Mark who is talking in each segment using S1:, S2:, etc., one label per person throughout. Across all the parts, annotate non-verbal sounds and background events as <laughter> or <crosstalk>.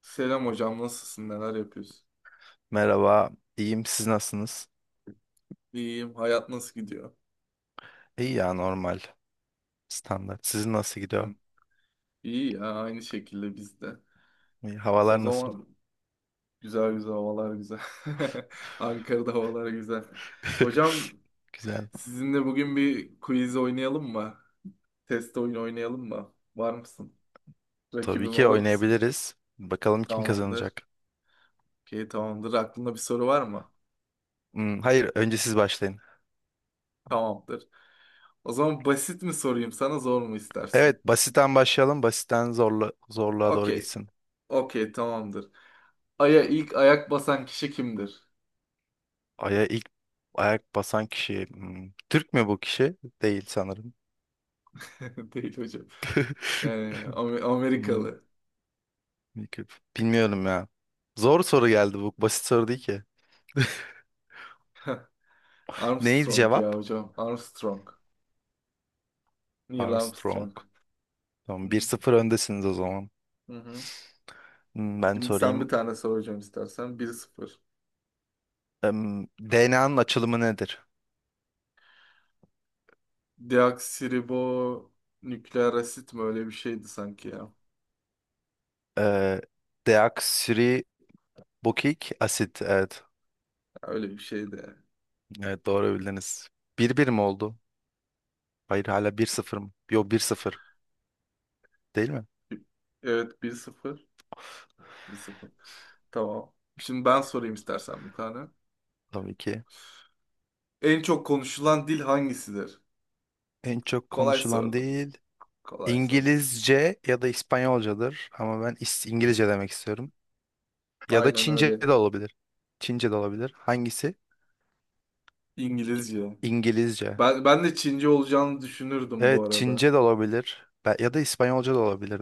S1: Selam hocam, nasılsın? Neler yapıyorsun?
S2: Merhaba, iyiyim. Siz nasılsınız?
S1: İyiyim. Hayat nasıl gidiyor?
S2: İyi ya normal, standart. Sizin nasıl gidiyor?
S1: Hı. İyi ya, aynı şekilde bizde.
S2: İyi.
S1: O
S2: Havalar nasıl?
S1: zaman güzel güzel havalar güzel. <laughs> Ankara'da havalar güzel. Hocam,
S2: <laughs> Güzel.
S1: sizinle bugün bir quiz oynayalım mı? Test oyunu oynayalım mı? Var mısın?
S2: Tabii
S1: Rakibim
S2: ki
S1: olur musun?
S2: oynayabiliriz. Bakalım kim
S1: Tamamdır.
S2: kazanacak.
S1: Okey, tamamdır. Aklında bir soru var mı?
S2: Hmm, hayır, önce siz başlayın.
S1: Tamamdır. O zaman basit mi sorayım sana, zor mu istersin?
S2: Evet, basitten başlayalım. Basitten zorlu, zorluğa doğru
S1: Okey.
S2: gitsin.
S1: Okey, tamamdır. Ay'a ilk ayak basan kişi kimdir?
S2: Aya ilk ayak basan kişi. Türk mü bu kişi? Değil sanırım.
S1: <laughs> Değil hocam. Yani
S2: <laughs> Hmm,
S1: Amerikalı.
S2: bilmiyorum Bilmiyorum ya. Zor soru geldi bu. Basit soru değil ki. Neydi
S1: Armstrong ya
S2: cevap?
S1: hocam. Armstrong. Neil
S2: Armstrong.
S1: Armstrong. Hı
S2: Tamam, bir
S1: hı.
S2: sıfır öndesiniz o zaman.
S1: Hı.
S2: Ben
S1: Şimdi sen bir
S2: sorayım.
S1: tane sor hocam istersen. 1-0.
S2: DNA'nın açılımı nedir?
S1: Deoksiribo nükleer asit mi? Öyle bir şeydi sanki ya.
S2: Ee, deoksiribonukleik asit. Evet.
S1: Öyle bir şeydi.
S2: Evet, doğru bildiniz. 1-1 mi oldu? Hayır, hala 1-0 mı? Yok, 1-0, değil mi?
S1: Evet, 1-0 1-0. Tamam. Şimdi ben sorayım istersen bir tane.
S2: Tabii ki.
S1: En çok konuşulan dil hangisidir?
S2: En çok
S1: Kolay
S2: konuşulan
S1: sordum.
S2: değil.
S1: Kolay sordum.
S2: İngilizce ya da İspanyolcadır. Ama ben İngilizce demek istiyorum. Ya da
S1: Aynen
S2: Çince
S1: öyle.
S2: de olabilir. Çince de olabilir. Hangisi?
S1: İngilizce.
S2: İngilizce.
S1: Ben de Çince olacağını düşünürdüm bu
S2: Evet,
S1: arada.
S2: Çince de olabilir. Ya da İspanyolca da olabilir.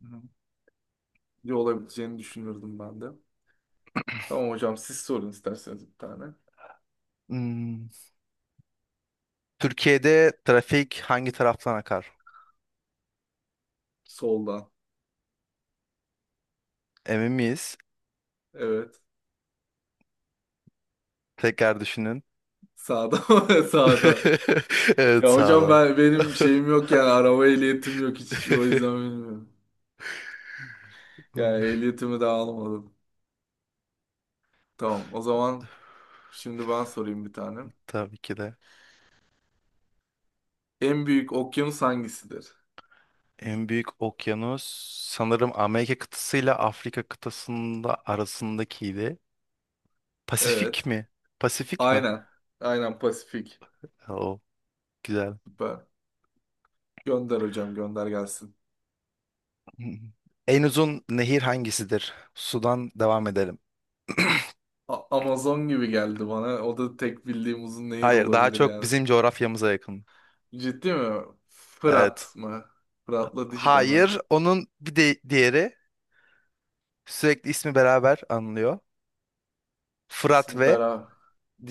S1: Hı. Ne olabileceğini düşünürdüm ben de. Tamam hocam siz sorun isterseniz bir tane.
S2: Hmm, Türkiye'de trafik hangi taraftan akar?
S1: Soldan.
S2: Emin miyiz?
S1: Evet.
S2: Tekrar düşünün.
S1: Sağdan. <laughs> Sağdan.
S2: <laughs> Evet,
S1: Ya hocam
S2: sağlam.
S1: ben benim şeyim yok, yani araba ehliyetim yok hiç, o yüzden
S2: <laughs>
S1: bilmiyorum. Yani ehliyetimi de almadım. Tamam, o zaman şimdi ben sorayım bir tane.
S2: Tabii ki de.
S1: En büyük okyanus hangisidir?
S2: En büyük okyanus sanırım Amerika kıtasıyla Afrika kıtasında arasındakiydi. Pasifik
S1: Evet.
S2: mi? Pasifik mi?
S1: Aynen. Aynen Pasifik.
S2: O güzel.
S1: Süper. Gönder hocam, gönder gelsin.
S2: <laughs> En uzun nehir hangisidir? Sudan devam edelim.
S1: Amazon gibi geldi bana. O da tek bildiğim uzun nehir
S2: Hayır, daha
S1: olabilir
S2: çok
S1: yani.
S2: bizim coğrafyamıza yakın.
S1: Ciddi mi?
S2: Evet.
S1: Fırat mı? Fırat'la Dicle mi?
S2: Hayır, onun bir de diğeri. Sürekli ismi beraber anılıyor. Fırat
S1: İsmi
S2: ve
S1: Bera.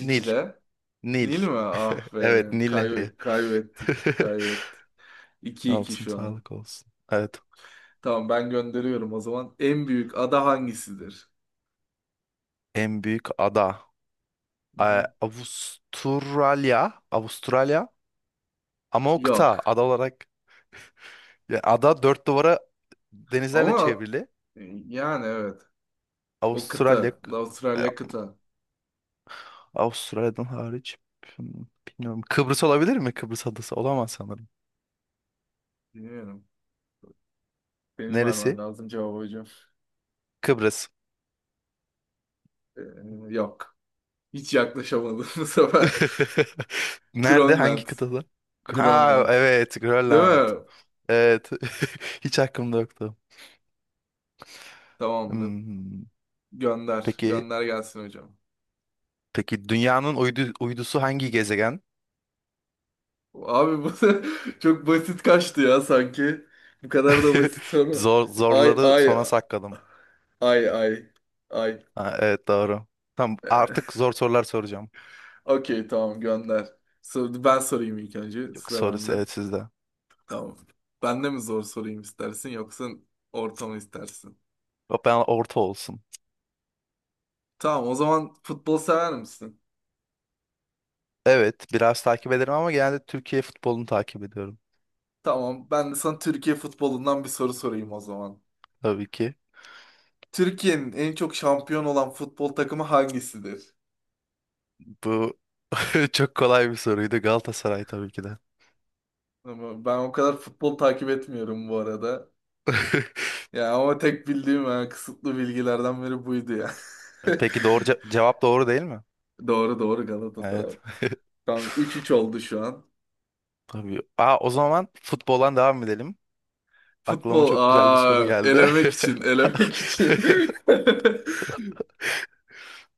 S2: Nil. Nil.
S1: Nil mi? Ah be.
S2: Evet, Nil Nehri.
S1: Kaybettik.
S2: <laughs>
S1: Kaybettik. 2 iki
S2: Olsun,
S1: şu an.
S2: sağlık olsun. Evet.
S1: Tamam ben gönderiyorum o zaman. En büyük ada hangisidir?
S2: En büyük ada.
S1: Hı
S2: Ee,
S1: hı.
S2: Avustralya. Avustralya. Ama o kıta.
S1: Yok.
S2: Ada olarak. Yani ada dört duvara denizlerle
S1: Ama
S2: çevrili.
S1: e, yani evet. O
S2: Avustralya.
S1: kıta.
S2: e,
S1: Avustralya kıta.
S2: Avustralya'dan hariç. Hmm, Bilmiyorum. Kıbrıs olabilir mi? Kıbrıs adası. Olamaz sanırım.
S1: Bilmiyorum. Benim vermem
S2: Neresi?
S1: lazım cevabı hocam.
S2: Kıbrıs.
S1: Ee, yok. Hiç yaklaşamadım <laughs> bu sefer.
S2: <laughs> Nerede?
S1: Grönland.
S2: Hangi kıtada? Ha,
S1: Grönland.
S2: evet,
S1: Değil
S2: Grönland.
S1: mi?
S2: Evet. <laughs> Hiç aklımda yoktu.
S1: Tamamdır.
S2: Hmm,
S1: Gönder.
S2: Peki
S1: Gönder gelsin hocam.
S2: peki dünyanın uydusu hangi gezegen?
S1: Abi bu <laughs> çok basit kaçtı ya sanki. Bu kadar da
S2: <laughs>
S1: basit soru.
S2: Zor
S1: Ay
S2: zorları
S1: ay
S2: sona sakladım.
S1: ay ay ay.
S2: Ha, evet, doğru. Tamam,
S1: Yani,
S2: artık zor sorular soracağım.
S1: <laughs> okey tamam gönder. Ben sorayım ilk önce.
S2: Yok,
S1: Sıra
S2: sorusu
S1: bende.
S2: evet sizde.
S1: Tamam. Ben de mi zor sorayım istersin, yoksa ortamı istersin?
S2: Yok, ben orta olsun.
S1: Tamam, o zaman futbol sever misin?
S2: Evet, biraz takip ederim ama genelde Türkiye futbolunu takip ediyorum.
S1: Tamam, ben de sana Türkiye futbolundan bir soru sorayım o zaman.
S2: Tabii ki.
S1: Türkiye'nin en çok şampiyon olan futbol takımı hangisidir?
S2: Bu <laughs> çok kolay bir soruydu. Galatasaray tabii ki de.
S1: Ama ben o kadar futbol takip etmiyorum bu arada.
S2: <laughs>
S1: Ya ama tek bildiğim, yani kısıtlı bilgilerden biri buydu ya.
S2: Peki, doğru
S1: <laughs>
S2: cevap, doğru değil mi?
S1: Doğru doğru Galatasaray.
S2: Evet. <laughs>
S1: Tamam, 3-3 oldu şu an.
S2: Tabii. Aa, o zaman futboldan devam edelim. Aklıma
S1: Futbol
S2: çok güzel bir soru
S1: aa
S2: geldi.
S1: elemek
S2: <laughs>
S1: için elemek için. <laughs>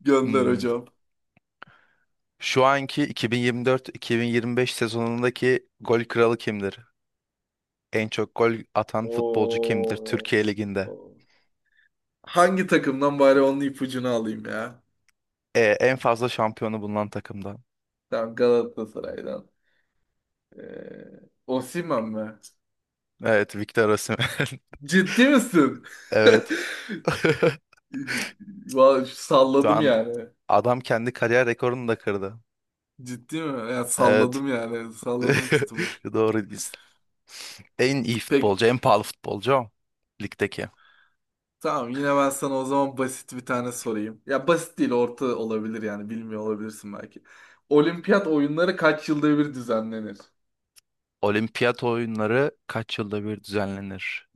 S1: Gönder
S2: Hmm.
S1: hocam.
S2: Şu anki 2024-2025 sezonundaki gol kralı kimdir? En çok gol atan futbolcu kimdir
S1: Oo.
S2: Türkiye Ligi'nde?
S1: Oo. Hangi takımdan bari onun ipucunu alayım ya?
S2: En fazla şampiyonu bulunan takımdan.
S1: Tamam Galatasaray'dan. Ee, Osimhen mi?
S2: Evet, Victor Osimhen.
S1: Ciddi misin?
S2: <laughs> Evet. <laughs>
S1: <laughs> Vallahi
S2: Şu
S1: salladım
S2: an
S1: yani.
S2: adam kendi kariyer rekorunu da kırdı.
S1: Ciddi mi? Ya
S2: Evet.
S1: salladım yani. Salladım tutmuş.
S2: <laughs> Doğru. En iyi
S1: Peki.
S2: futbolcu, en pahalı futbolcu o. Ligdeki.
S1: Tamam, yine ben sana o zaman basit bir tane sorayım. Ya basit değil, orta olabilir, yani bilmiyor olabilirsin belki. Olimpiyat oyunları kaç yılda bir düzenlenir?
S2: Olimpiyat oyunları kaç yılda bir düzenlenir?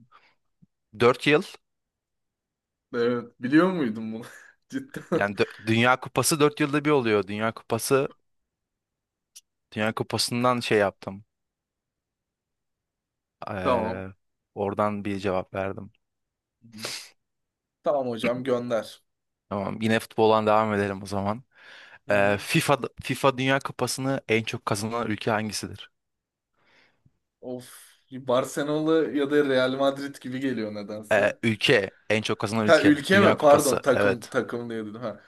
S2: 4 yıl.
S1: Evet, biliyor muydun bunu? <laughs> Cidden.
S2: Yani Dünya Kupası 4 yılda bir oluyor. Dünya Kupası'ndan şey yaptım.
S1: Tamam.
S2: Ee, oradan bir cevap verdim.
S1: Tamam hocam gönder.
S2: Tamam, yine futboldan devam edelim o zaman. Ee,
S1: Hı.
S2: FIFA FIFA Dünya Kupası'nı en çok kazanan ülke hangisidir?
S1: Of. Barcelona ya da Real Madrid gibi geliyor nedense.
S2: Ülke, en çok kazanan
S1: Ha,
S2: ülke.
S1: ülke mi?
S2: Dünya Kupası.
S1: Pardon, takım
S2: Evet.
S1: takım diye dedim ha.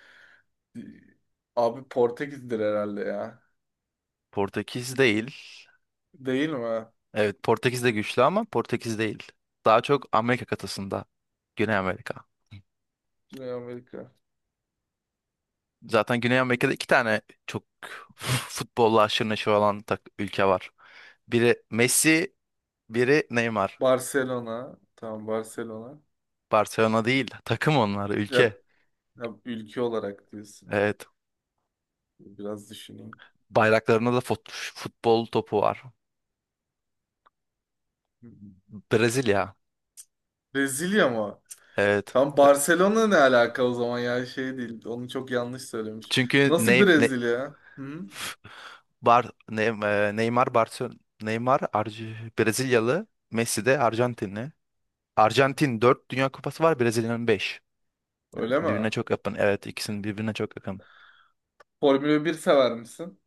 S1: Abi Portekiz'dir herhalde ya.
S2: Portekiz değil.
S1: Değil mi?
S2: Evet, Portekiz de güçlü ama Portekiz değil. Daha çok Amerika kıtasında. Güney Amerika.
S1: Güney Amerika.
S2: Zaten Güney Amerika'da iki tane çok <laughs> futbolla aşırı neşir olan ülke var. Biri Messi, biri Neymar.
S1: Barcelona. Tamam Barcelona.
S2: Barcelona değil, takım onlar,
S1: Ya,
S2: ülke.
S1: ya ülke olarak diyorsun.
S2: Evet.
S1: Biraz düşüneyim.
S2: Bayraklarında da futbol topu var.
S1: Hı hı.
S2: Brezilya.
S1: Brezilya mı?
S2: Evet.
S1: Tam Barcelona ne alaka o zaman ya, şey değil. Onu çok yanlış söylemiş.
S2: Çünkü
S1: Nasıl Brezilya? Hı?
S2: <laughs> Neymar Barcelona Neymar Arj- Brezilyalı, Messi de Arjantinli. Arjantin 4 Dünya Kupası var, Brezilya'nın 5. Yani
S1: Öyle mi?
S2: birbirine çok yakın. Evet, ikisinin birbirine çok yakın.
S1: Formula 1 sever misin?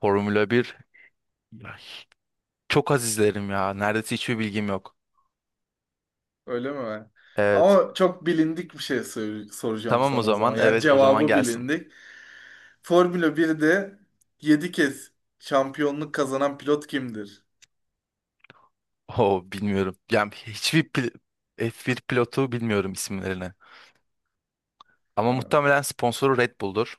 S2: Formula bir. Ya, çok az izlerim ya. Neredeyse hiçbir bilgim yok.
S1: Öyle mi?
S2: Evet.
S1: Ama çok bilindik bir şey soracağım
S2: Tamam, o
S1: sana o zaman.
S2: zaman.
S1: Yani
S2: Evet, o zaman
S1: cevabı
S2: gelsin.
S1: bilindik. Formula 1'de 7 kez şampiyonluk kazanan pilot kimdir?
S2: Oo, bilmiyorum. Yani hiçbir F1 pilotu bilmiyorum isimlerini. Ama
S1: Ha,
S2: muhtemelen sponsoru Red Bull'dur.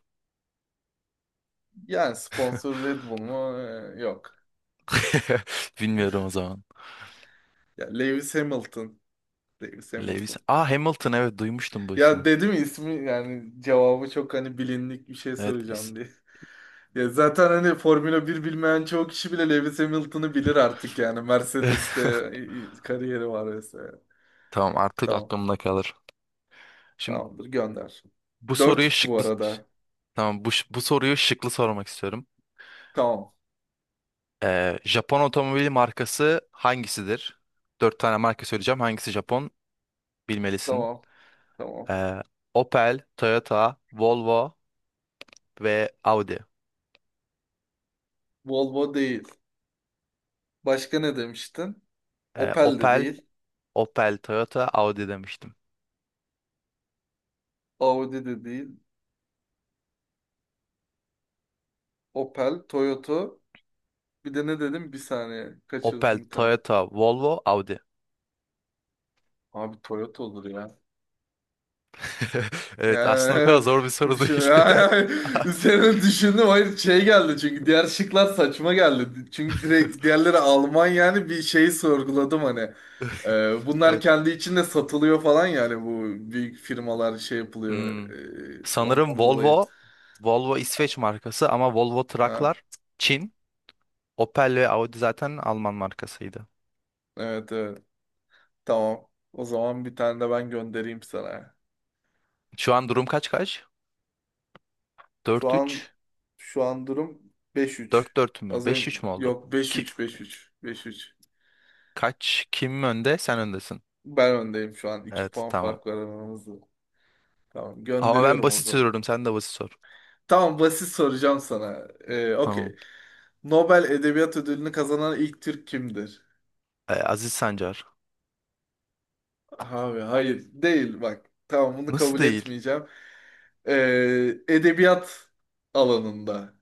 S1: yani sponsor Red Bull mu? Yok.
S2: <laughs> Bilmiyorum o zaman.
S1: Ya Lewis Hamilton. Lewis
S2: Lewis.
S1: Hamilton.
S2: Aa, Hamilton, evet, duymuştum bu
S1: Ya
S2: ismi.
S1: dedim ya, ismi, yani cevabı çok hani bilindik bir şey
S2: Evet.
S1: soracağım diye. <laughs> Ya zaten hani Formula 1 bilmeyen çoğu kişi bile Lewis Hamilton'ı bilir artık yani. Mercedes'te
S2: <laughs>
S1: kariyeri var vesaire.
S2: Tamam, artık
S1: Tamam.
S2: aklımda kalır. Şimdi
S1: Tamamdır gönder.
S2: bu
S1: Dört
S2: soruyu
S1: üç bu
S2: şıklı
S1: arada.
S2: Tamam, bu soruyu şıklı sormak istiyorum.
S1: Tamam.
S2: Japon otomobili markası hangisidir? Dört tane marka söyleyeceğim. Hangisi Japon? Bilmelisin.
S1: Tamam. Tamam.
S2: Ee, Opel, Toyota, Volvo ve Audi.
S1: Volvo değil. Başka ne demiştin?
S2: Ee,
S1: Opel de
S2: Opel,
S1: değil.
S2: Opel, Toyota, Audi demiştim.
S1: Audi de değil. Opel, Toyota. Bir de ne dedim? Bir saniye. Kaçırdım
S2: Opel,
S1: bir tane.
S2: Toyota, Volvo, Audi.
S1: Abi Toyota olur ya.
S2: <laughs> Evet, aslında o kadar
S1: Yani,
S2: zor bir
S1: <laughs>
S2: soru
S1: düşün, <laughs>
S2: değil. <laughs>
S1: yani, üzerine düşündüm. Hayır şey geldi, çünkü diğer şıklar saçma geldi. Çünkü direkt diğerleri Alman, yani bir şeyi sorguladım hani. Bunlar
S2: Evet.
S1: kendi içinde satılıyor falan, yani bu büyük firmalar şey yapılıyor.
S2: Hmm. Sanırım
S1: Ondan dolayı.
S2: Volvo İsveç markası ama Volvo
S1: Ha,
S2: Trucklar Çin. Opel ve Audi zaten Alman markasıydı.
S1: evet evet, tamam. O zaman bir tane de ben göndereyim sana.
S2: Şu an durum kaç kaç?
S1: Şu
S2: Dört
S1: an
S2: üç,
S1: şu an durum 5-3.
S2: 4-4 mü?
S1: Az
S2: Beş
S1: önce
S2: üç mü oldu?
S1: yok, beş
S2: Ki,
S1: üç beş üç beş üç
S2: kaç? Kim önde? Sen öndesin.
S1: Ben öndeyim şu an. iki
S2: Evet,
S1: puan
S2: tamam.
S1: fark var aramızda. Tamam
S2: Ama ben
S1: gönderiyorum o
S2: basit
S1: zaman.
S2: soruyorum, sen de basit sor.
S1: Tamam basit soracağım sana.
S2: Tamam.
S1: Okey. Nobel Edebiyat Ödülünü kazanan ilk Türk kimdir?
S2: Aziz Sancar.
S1: Abi hayır değil bak. Tamam bunu
S2: Nasıl
S1: kabul
S2: değil?
S1: etmeyeceğim. Ee, edebiyat alanında.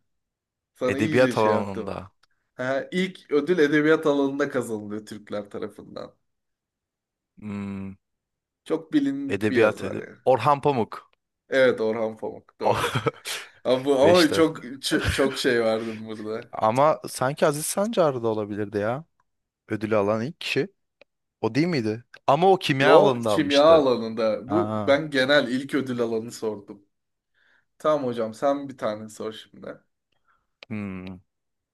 S1: Sana iyice
S2: Edebiyat
S1: şey yaptım.
S2: alanında.
S1: Ha, ilk ödül edebiyat alanında kazanılıyor Türkler tarafından.
S2: Hmm,
S1: Çok bilindik bir
S2: edebiyat
S1: yazar
S2: edeb
S1: yani.
S2: Orhan Pamuk.
S1: Evet, Orhan Pamuk doğru.
S2: <laughs>
S1: Ama
S2: Beşte.
S1: çok çok şey verdim burada.
S2: Ama sanki Aziz Sancar da olabilirdi ya. Ödülü alan ilk kişi. O değil miydi? Ama o kimya
S1: Yo,
S2: alanında
S1: kimya
S2: almıştı.
S1: alanında. Bu,
S2: Aa,
S1: ben genel ilk ödül alanı sordum. Tamam hocam sen bir tane sor şimdi.
S2: hmm.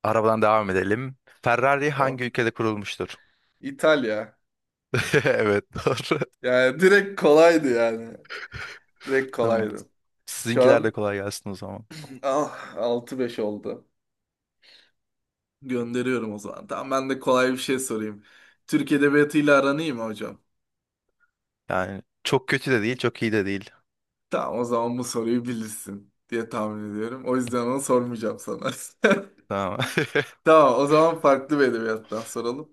S2: Arabadan devam edelim. Ferrari
S1: Tamam.
S2: hangi ülkede kurulmuştur?
S1: İtalya.
S2: <laughs> Evet, doğru.
S1: Yani direkt kolaydı yani. Direkt
S2: Tamam.
S1: kolaydı. Şu
S2: Sizinkiler de
S1: an
S2: kolay gelsin o zaman.
S1: ah, 6-5 oldu. Gönderiyorum o zaman. Tamam ben de kolay bir şey sorayım. Türk edebiyatıyla aran iyi mi hocam?
S2: Yani çok kötü de değil, çok iyi de değil.
S1: Tamam o zaman bu soruyu bilirsin diye tahmin ediyorum. O yüzden onu sormayacağım sana.
S2: Tamam.
S1: <laughs> Tamam o zaman farklı bir edebiyattan soralım.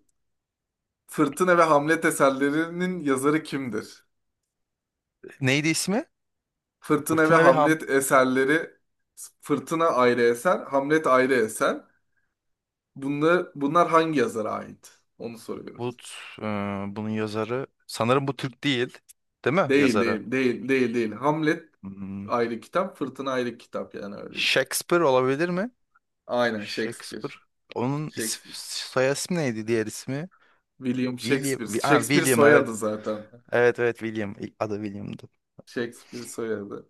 S1: Fırtına ve Hamlet eserlerinin yazarı kimdir?
S2: <laughs> Neydi ismi?
S1: Fırtına ve
S2: Fırtına ve Ham.
S1: Hamlet eserleri. Fırtına ayrı eser, Hamlet ayrı eser. Bunlar hangi yazara ait? Onu soruyorum.
S2: Bu, t- e, bunun yazarı. Sanırım bu Türk değil. Değil mi
S1: Değil,
S2: yazarı?
S1: değil, değil, değil, değil. Hamlet
S2: Hmm.
S1: ayrı kitap, Fırtına ayrı kitap, yani öyle düşün.
S2: Shakespeare olabilir mi?
S1: Aynen Shakespeare.
S2: Shakespeare. Onun
S1: Shakespeare.
S2: soy ismi neydi, diğer ismi?
S1: William
S2: William.
S1: Shakespeare.
S2: Ha,
S1: Shakespeare
S2: William,
S1: soyadı
S2: evet.
S1: zaten.
S2: Evet, evet, William. İlk adı William'dı.
S1: Shakespeare soyadı.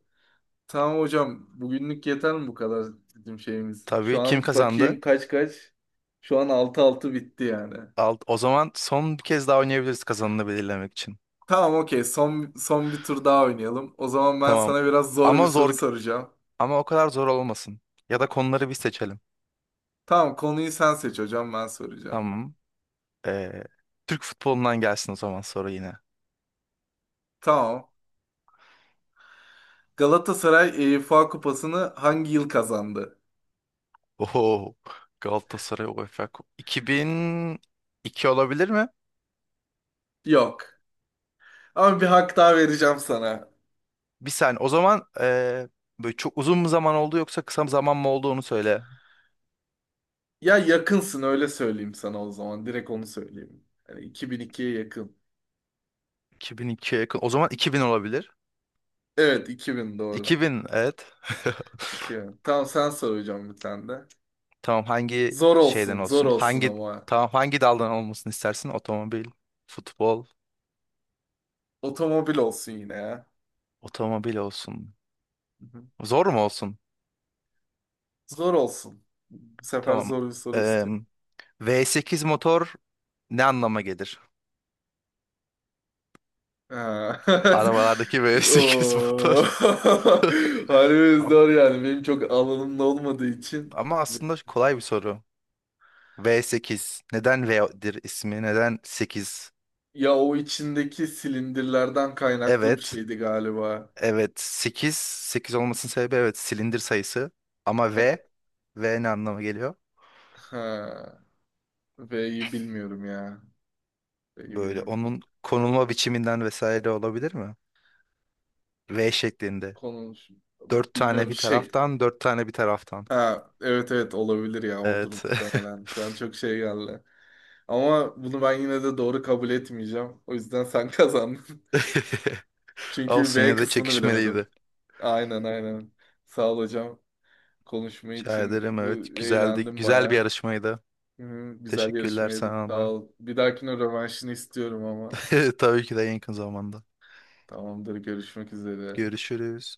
S1: Tamam hocam, bugünlük yeter mi bu kadar bizim şeyimiz? Şu
S2: Tabii, kim
S1: an
S2: kazandı?
S1: bakayım kaç kaç. Şu an 6-6 bitti yani.
S2: O zaman son bir kez daha oynayabiliriz kazanını belirlemek için.
S1: Tamam okey, son bir tur daha oynayalım. O zaman ben
S2: Tamam.
S1: sana biraz zor bir
S2: Ama
S1: soru
S2: zor
S1: soracağım.
S2: ama o kadar zor olmasın. Ya da konuları bir seçelim.
S1: Tamam konuyu sen seç hocam, ben soracağım.
S2: Tamam. Ee, Türk futbolundan gelsin o zaman soru yine.
S1: Tamam. Galatasaray UEFA Kupası'nı hangi yıl kazandı?
S2: Oho. Galatasaray UEFA 2002 olabilir mi?
S1: Yok. Ama bir hak daha vereceğim sana.
S2: Bir saniye. O zaman böyle çok uzun mu zaman oldu yoksa kısa bir zaman mı oldu onu söyle.
S1: Ya yakınsın, öyle söyleyeyim sana o zaman. Direkt onu söyleyeyim. Yani 2002'ye yakın.
S2: 2002'ye yakın. O zaman 2000 olabilir.
S1: Evet, 2000 doğru.
S2: 2000, evet. <laughs>
S1: 2000. Tamam sen sor hocam bir tane de.
S2: Tamam, hangi
S1: Zor
S2: şeyden
S1: olsun zor
S2: olsun?
S1: olsun
S2: Hangi
S1: ama.
S2: tamam hangi daldan olmasını istersin? Otomobil, futbol,
S1: Otomobil olsun yine ya.
S2: otomobil olsun.
S1: Hı hı.
S2: Zor mu olsun?
S1: Zor olsun. Bu sefer
S2: Tamam.
S1: zor bir soru
S2: Eee,
S1: istiyorum.
S2: V8 motor ne anlama gelir?
S1: Ha.
S2: Arabalardaki
S1: <laughs>
S2: V8 motor.
S1: Oo.
S2: <laughs>
S1: <laughs> Harbi
S2: Am-
S1: zor yani. Benim çok alanımda olmadığı için.
S2: Ama aslında kolay bir soru. V8. Neden V'dir ismi? Neden 8?
S1: Ya o içindeki silindirlerden kaynaklı bir
S2: Evet.
S1: şeydi galiba.
S2: Evet. 8. 8 olmasının sebebi, evet, silindir sayısı. Ama V. V ne anlama geliyor?
S1: Ha. V'yi bilmiyorum ya. V'yi
S2: Böyle
S1: bilmiyorum.
S2: onun konulma biçiminden vesaire olabilir mi? V şeklinde.
S1: Konu
S2: Dört tane
S1: bilmiyorum
S2: bir
S1: şey.
S2: taraftan, dört tane bir taraftan.
S1: Ha, evet evet olabilir ya o
S2: Evet.
S1: muhtemelen. Şu an çok şey geldi. Ama bunu ben yine de doğru kabul etmeyeceğim. O yüzden sen kazandın. <laughs>
S2: <laughs>
S1: Çünkü
S2: Olsun,
S1: V
S2: yine de
S1: kısmını bilemedim.
S2: çekişmeliydi.
S1: Aynen aynen. Sağ ol hocam. Konuşma
S2: Rica
S1: için
S2: ederim,
S1: bu,
S2: evet. Güzeldi.
S1: eğlendim
S2: Güzel bir
S1: bayağı.
S2: yarışmaydı.
S1: Hı, güzel
S2: Teşekkürler
S1: yarışmaydı.
S2: sana
S1: Sağ
S2: da.
S1: ol. Bir dahakine rövanşını istiyorum ama.
S2: <laughs> Tabii ki de, en yakın zamanda.
S1: Tamamdır. Görüşmek üzere.
S2: Görüşürüz.